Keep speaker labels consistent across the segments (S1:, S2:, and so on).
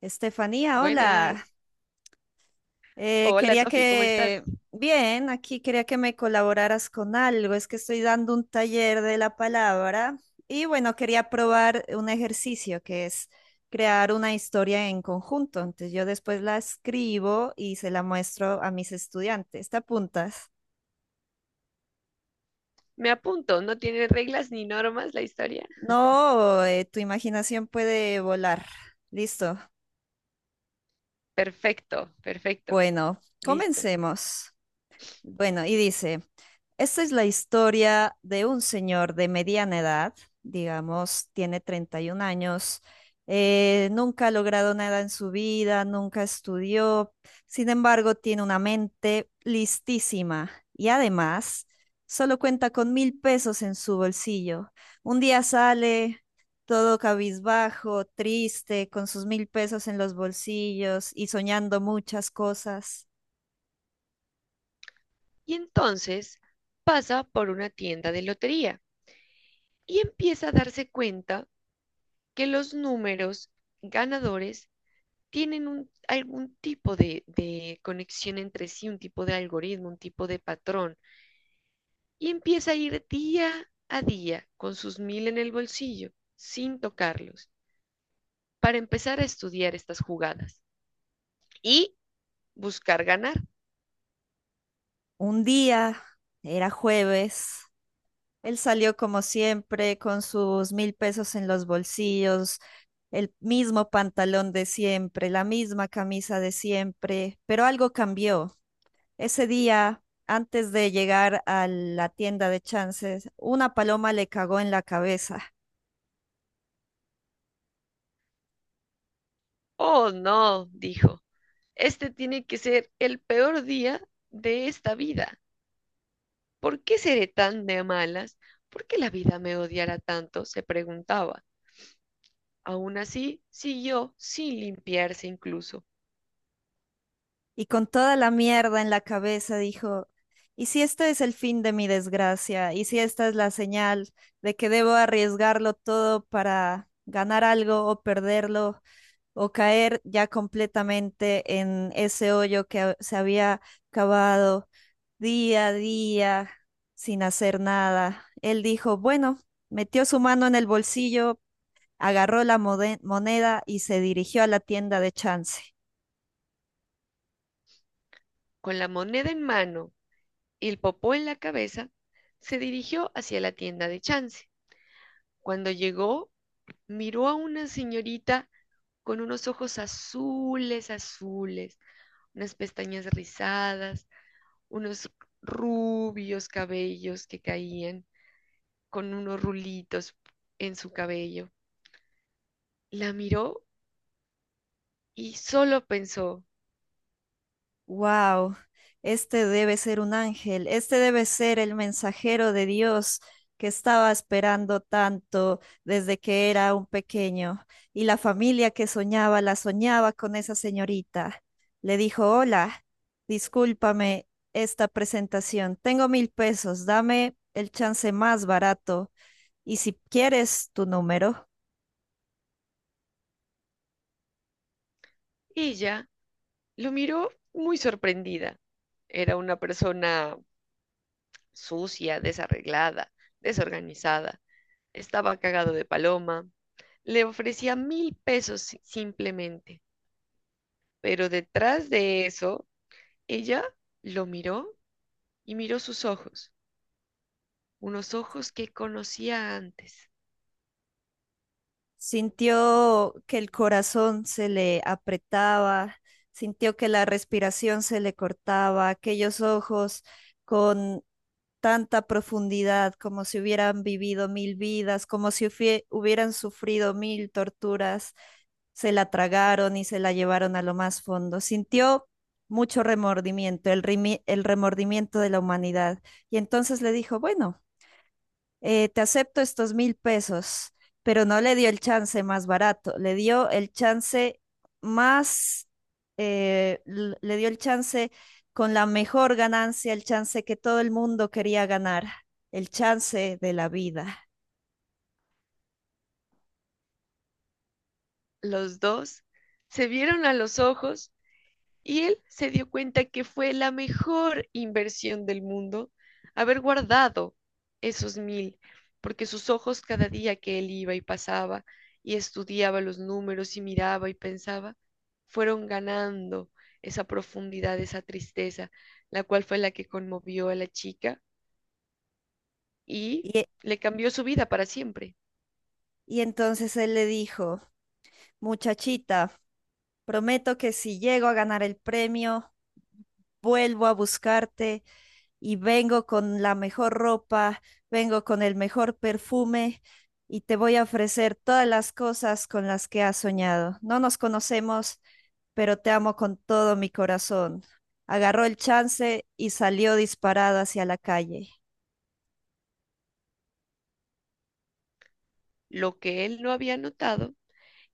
S1: Estefanía, hola.
S2: Buenas. Hola,
S1: Quería
S2: Sofi, ¿cómo estás?
S1: que, bien, aquí quería que me colaboraras con algo. Es que estoy dando un taller de la palabra y bueno, quería probar un ejercicio que es crear una historia en conjunto. Entonces yo después la escribo y se la muestro a mis estudiantes. ¿Te apuntas?
S2: Me apunto, no tiene reglas ni normas la historia.
S1: No, tu imaginación puede volar. Listo.
S2: Perfecto, perfecto,
S1: Bueno,
S2: listo.
S1: comencemos. Bueno, y dice, esta es la historia de un señor de mediana edad, digamos, tiene 31 años, nunca ha logrado nada en su vida, nunca estudió, sin embargo, tiene una mente listísima y además solo cuenta con mil pesos en su bolsillo. Un día sale todo cabizbajo, triste, con sus mil pesos en los bolsillos y soñando muchas cosas.
S2: Y entonces pasa por una tienda de lotería y empieza a darse cuenta que los números ganadores tienen algún tipo de conexión entre sí, un tipo de algoritmo, un tipo de patrón. Y empieza a ir día a día con sus mil en el bolsillo, sin tocarlos, para empezar a estudiar estas jugadas. Y buscar ganar.
S1: Un día, era jueves, él salió como siempre con sus mil pesos en los bolsillos, el mismo pantalón de siempre, la misma camisa de siempre, pero algo cambió. Ese día, antes de llegar a la tienda de chances, una paloma le cagó en la cabeza.
S2: Oh, no, dijo, este tiene que ser el peor día de esta vida. ¿Por qué seré tan de malas? ¿Por qué la vida me odiará tanto?, se preguntaba. Aún así, siguió sin limpiarse incluso.
S1: Y con toda la mierda en la cabeza dijo, ¿y si este es el fin de mi desgracia? ¿Y si esta es la señal de que debo arriesgarlo todo para ganar algo o perderlo o caer ya completamente en ese hoyo que se había cavado día a día sin hacer nada? Él dijo, bueno, metió su mano en el bolsillo, agarró la moneda y se dirigió a la tienda de chance.
S2: Con la moneda en mano y el popó en la cabeza, se dirigió hacia la tienda de Chance. Cuando llegó, miró a una señorita con unos ojos azules, azules, unas pestañas rizadas, unos rubios cabellos que caían con unos rulitos en su cabello. La miró y solo pensó.
S1: Wow, este debe ser un ángel, este debe ser el mensajero de Dios que estaba esperando tanto desde que era un pequeño. Y la familia que soñaba, la soñaba con esa señorita. Le dijo, hola, discúlpame esta presentación. Tengo mil pesos, dame el chance más barato. Y si quieres tu número.
S2: Ella lo miró muy sorprendida. Era una persona sucia, desarreglada, desorganizada. Estaba cagado de paloma. Le ofrecía mil pesos simplemente. Pero detrás de eso, ella lo miró y miró sus ojos, unos ojos que conocía antes.
S1: Sintió que el corazón se le apretaba, sintió que la respiración se le cortaba, aquellos ojos con tanta profundidad, como si hubieran vivido mil vidas, como si hubieran sufrido mil torturas, se la tragaron y se la llevaron a lo más fondo. Sintió mucho remordimiento, el remordimiento de la humanidad. Y entonces le dijo, bueno, te acepto estos mil pesos, pero no le dio el chance más barato, le dio el chance más, le dio el chance con la mejor ganancia, el chance que todo el mundo quería ganar, el chance de la vida.
S2: Los dos se vieron a los ojos y él se dio cuenta que fue la mejor inversión del mundo haber guardado esos mil, porque sus ojos cada día que él iba y pasaba y estudiaba los números y miraba y pensaba, fueron ganando esa profundidad, esa tristeza, la cual fue la que conmovió a la chica y
S1: Y,
S2: le cambió su vida para siempre.
S1: y entonces él le dijo, muchachita, prometo que si llego a ganar el premio, vuelvo a buscarte y vengo con la mejor ropa, vengo con el mejor perfume y te voy a ofrecer todas las cosas con las que has soñado. No nos conocemos, pero te amo con todo mi corazón. Agarró el chance y salió disparado hacia la calle.
S2: Lo que él no había notado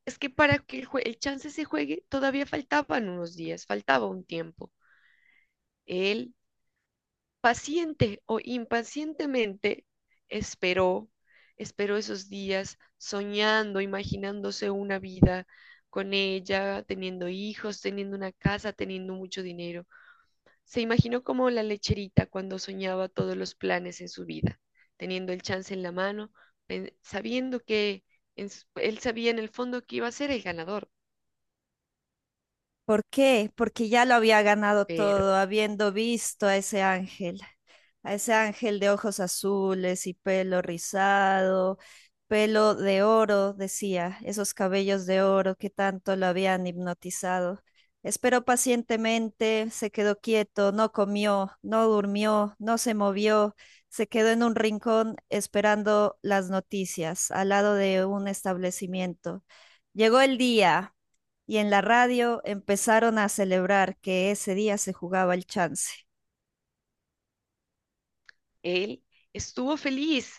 S2: es que para que el chance se juegue, todavía faltaban unos días, faltaba un tiempo. Él paciente o impacientemente esperó, esperó esos días soñando, imaginándose una vida con ella, teniendo hijos, teniendo una casa, teniendo mucho dinero. Se imaginó como la lecherita cuando soñaba todos los planes en su vida, teniendo el chance en la mano, sabiendo que él sabía en el fondo que iba a ser el ganador,
S1: ¿Por qué? Porque ya lo había ganado
S2: pero...
S1: todo, habiendo visto a ese ángel. A ese ángel de ojos azules y pelo rizado, pelo de oro, decía, esos cabellos de oro que tanto lo habían hipnotizado. Esperó pacientemente, se quedó quieto, no comió, no durmió, no se movió, se quedó en un rincón esperando las noticias al lado de un establecimiento. Llegó el día y en la radio empezaron a celebrar que ese día se jugaba el chance.
S2: Él estuvo feliz,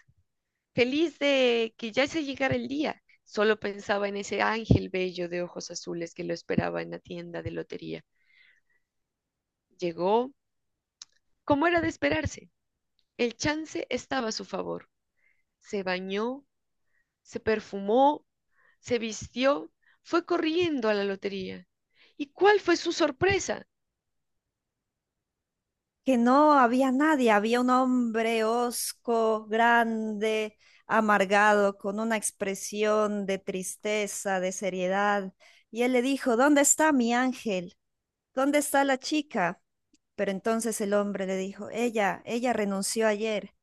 S2: feliz de que ya se llegara el día. Solo pensaba en ese ángel bello de ojos azules que lo esperaba en la tienda de lotería. Llegó, como era de esperarse. El chance estaba a su favor. Se bañó, se perfumó, se vistió, fue corriendo a la lotería. ¿Y cuál fue su sorpresa?
S1: Que no había nadie, había un hombre hosco, grande, amargado, con una expresión de tristeza, de seriedad, y él le dijo, ¿dónde está mi ángel? ¿Dónde está la chica? Pero entonces el hombre le dijo, ella renunció ayer,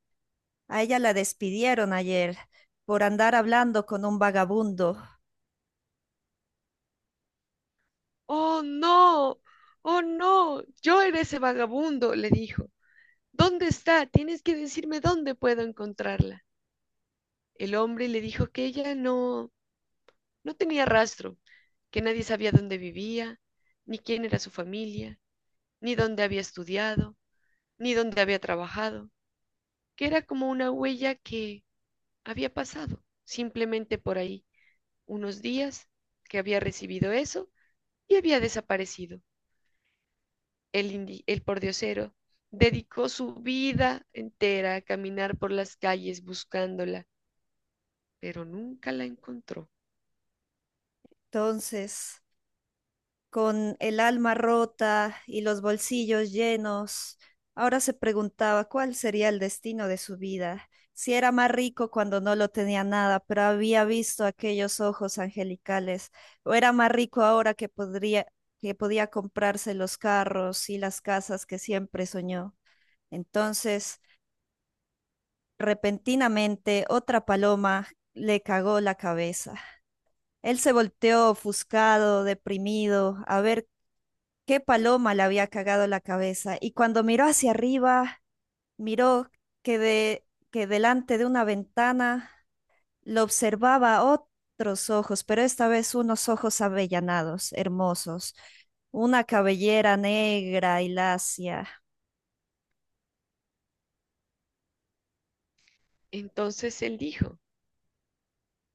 S1: a ella la despidieron ayer por andar hablando con un vagabundo.
S2: Oh, no, oh, no, yo era ese vagabundo, le dijo. ¿Dónde está? Tienes que decirme dónde puedo encontrarla. El hombre le dijo que ella no, no tenía rastro, que nadie sabía dónde vivía, ni quién era su familia, ni dónde había estudiado, ni dónde había trabajado, que era como una huella que había pasado simplemente por ahí unos días, que había recibido eso y había desaparecido. El pordiosero dedicó su vida entera a caminar por las calles buscándola, pero nunca la encontró.
S1: Entonces, con el alma rota y los bolsillos llenos, ahora se preguntaba cuál sería el destino de su vida, si era más rico cuando no lo tenía nada, pero había visto aquellos ojos angelicales, o era más rico ahora que podía comprarse los carros y las casas que siempre soñó. Entonces, repentinamente, otra paloma le cagó la cabeza. Él se volteó ofuscado, deprimido, a ver qué paloma le había cagado la cabeza. Y cuando miró hacia arriba, miró que delante de una ventana lo observaba otros ojos, pero esta vez unos ojos avellanados, hermosos, una cabellera negra y lacia.
S2: Entonces él dijo,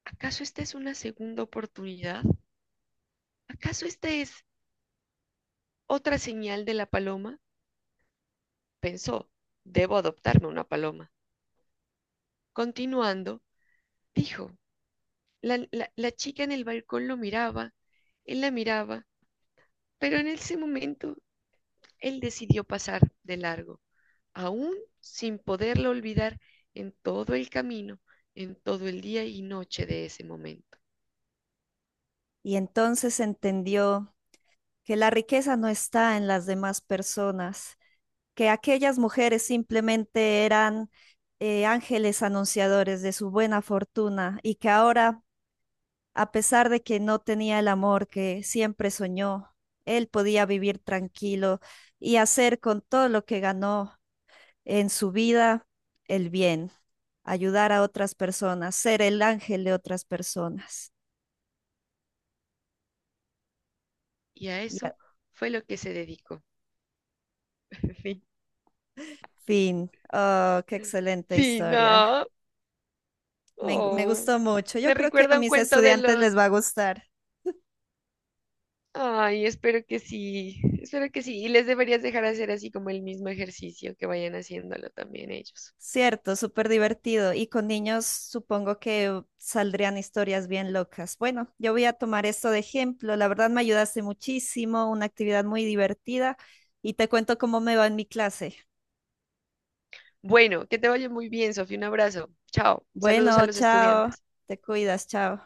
S2: ¿acaso esta es una segunda oportunidad? ¿Acaso esta es otra señal de la paloma? Pensó, debo adoptarme una paloma. Continuando, dijo, la chica en el balcón lo miraba, él la miraba, pero en ese momento él decidió pasar de largo, aún sin poderlo olvidar en todo el camino, en todo el día y noche de ese momento.
S1: Y entonces entendió que la riqueza no está en las demás personas, que aquellas mujeres simplemente eran ángeles anunciadores de su buena fortuna y que ahora, a pesar de que no tenía el amor que siempre soñó, él podía vivir tranquilo y hacer con todo lo que ganó en su vida el bien, ayudar a otras personas, ser el ángel de otras personas.
S2: Y a
S1: Y a-
S2: eso fue lo que se dedicó. Fin.
S1: Fin. Oh, qué excelente
S2: Fin.
S1: historia.
S2: No.
S1: Me
S2: Oh,
S1: gustó mucho. Yo
S2: me
S1: creo que a
S2: recuerda un
S1: mis
S2: cuento de
S1: estudiantes les
S2: los...
S1: va a gustar.
S2: Ay, espero que sí, espero que sí. Y les deberías dejar hacer así como el mismo ejercicio, que vayan haciéndolo también ellos.
S1: Cierto, súper divertido. Y con niños supongo que saldrían historias bien locas. Bueno, yo voy a tomar esto de ejemplo. La verdad me ayudaste muchísimo, una actividad muy divertida y te cuento cómo me va en mi clase.
S2: Bueno, que te vaya muy bien, Sofía. Un abrazo. Chao. Saludos a
S1: Bueno,
S2: los
S1: chao.
S2: estudiantes.
S1: Te cuidas, chao.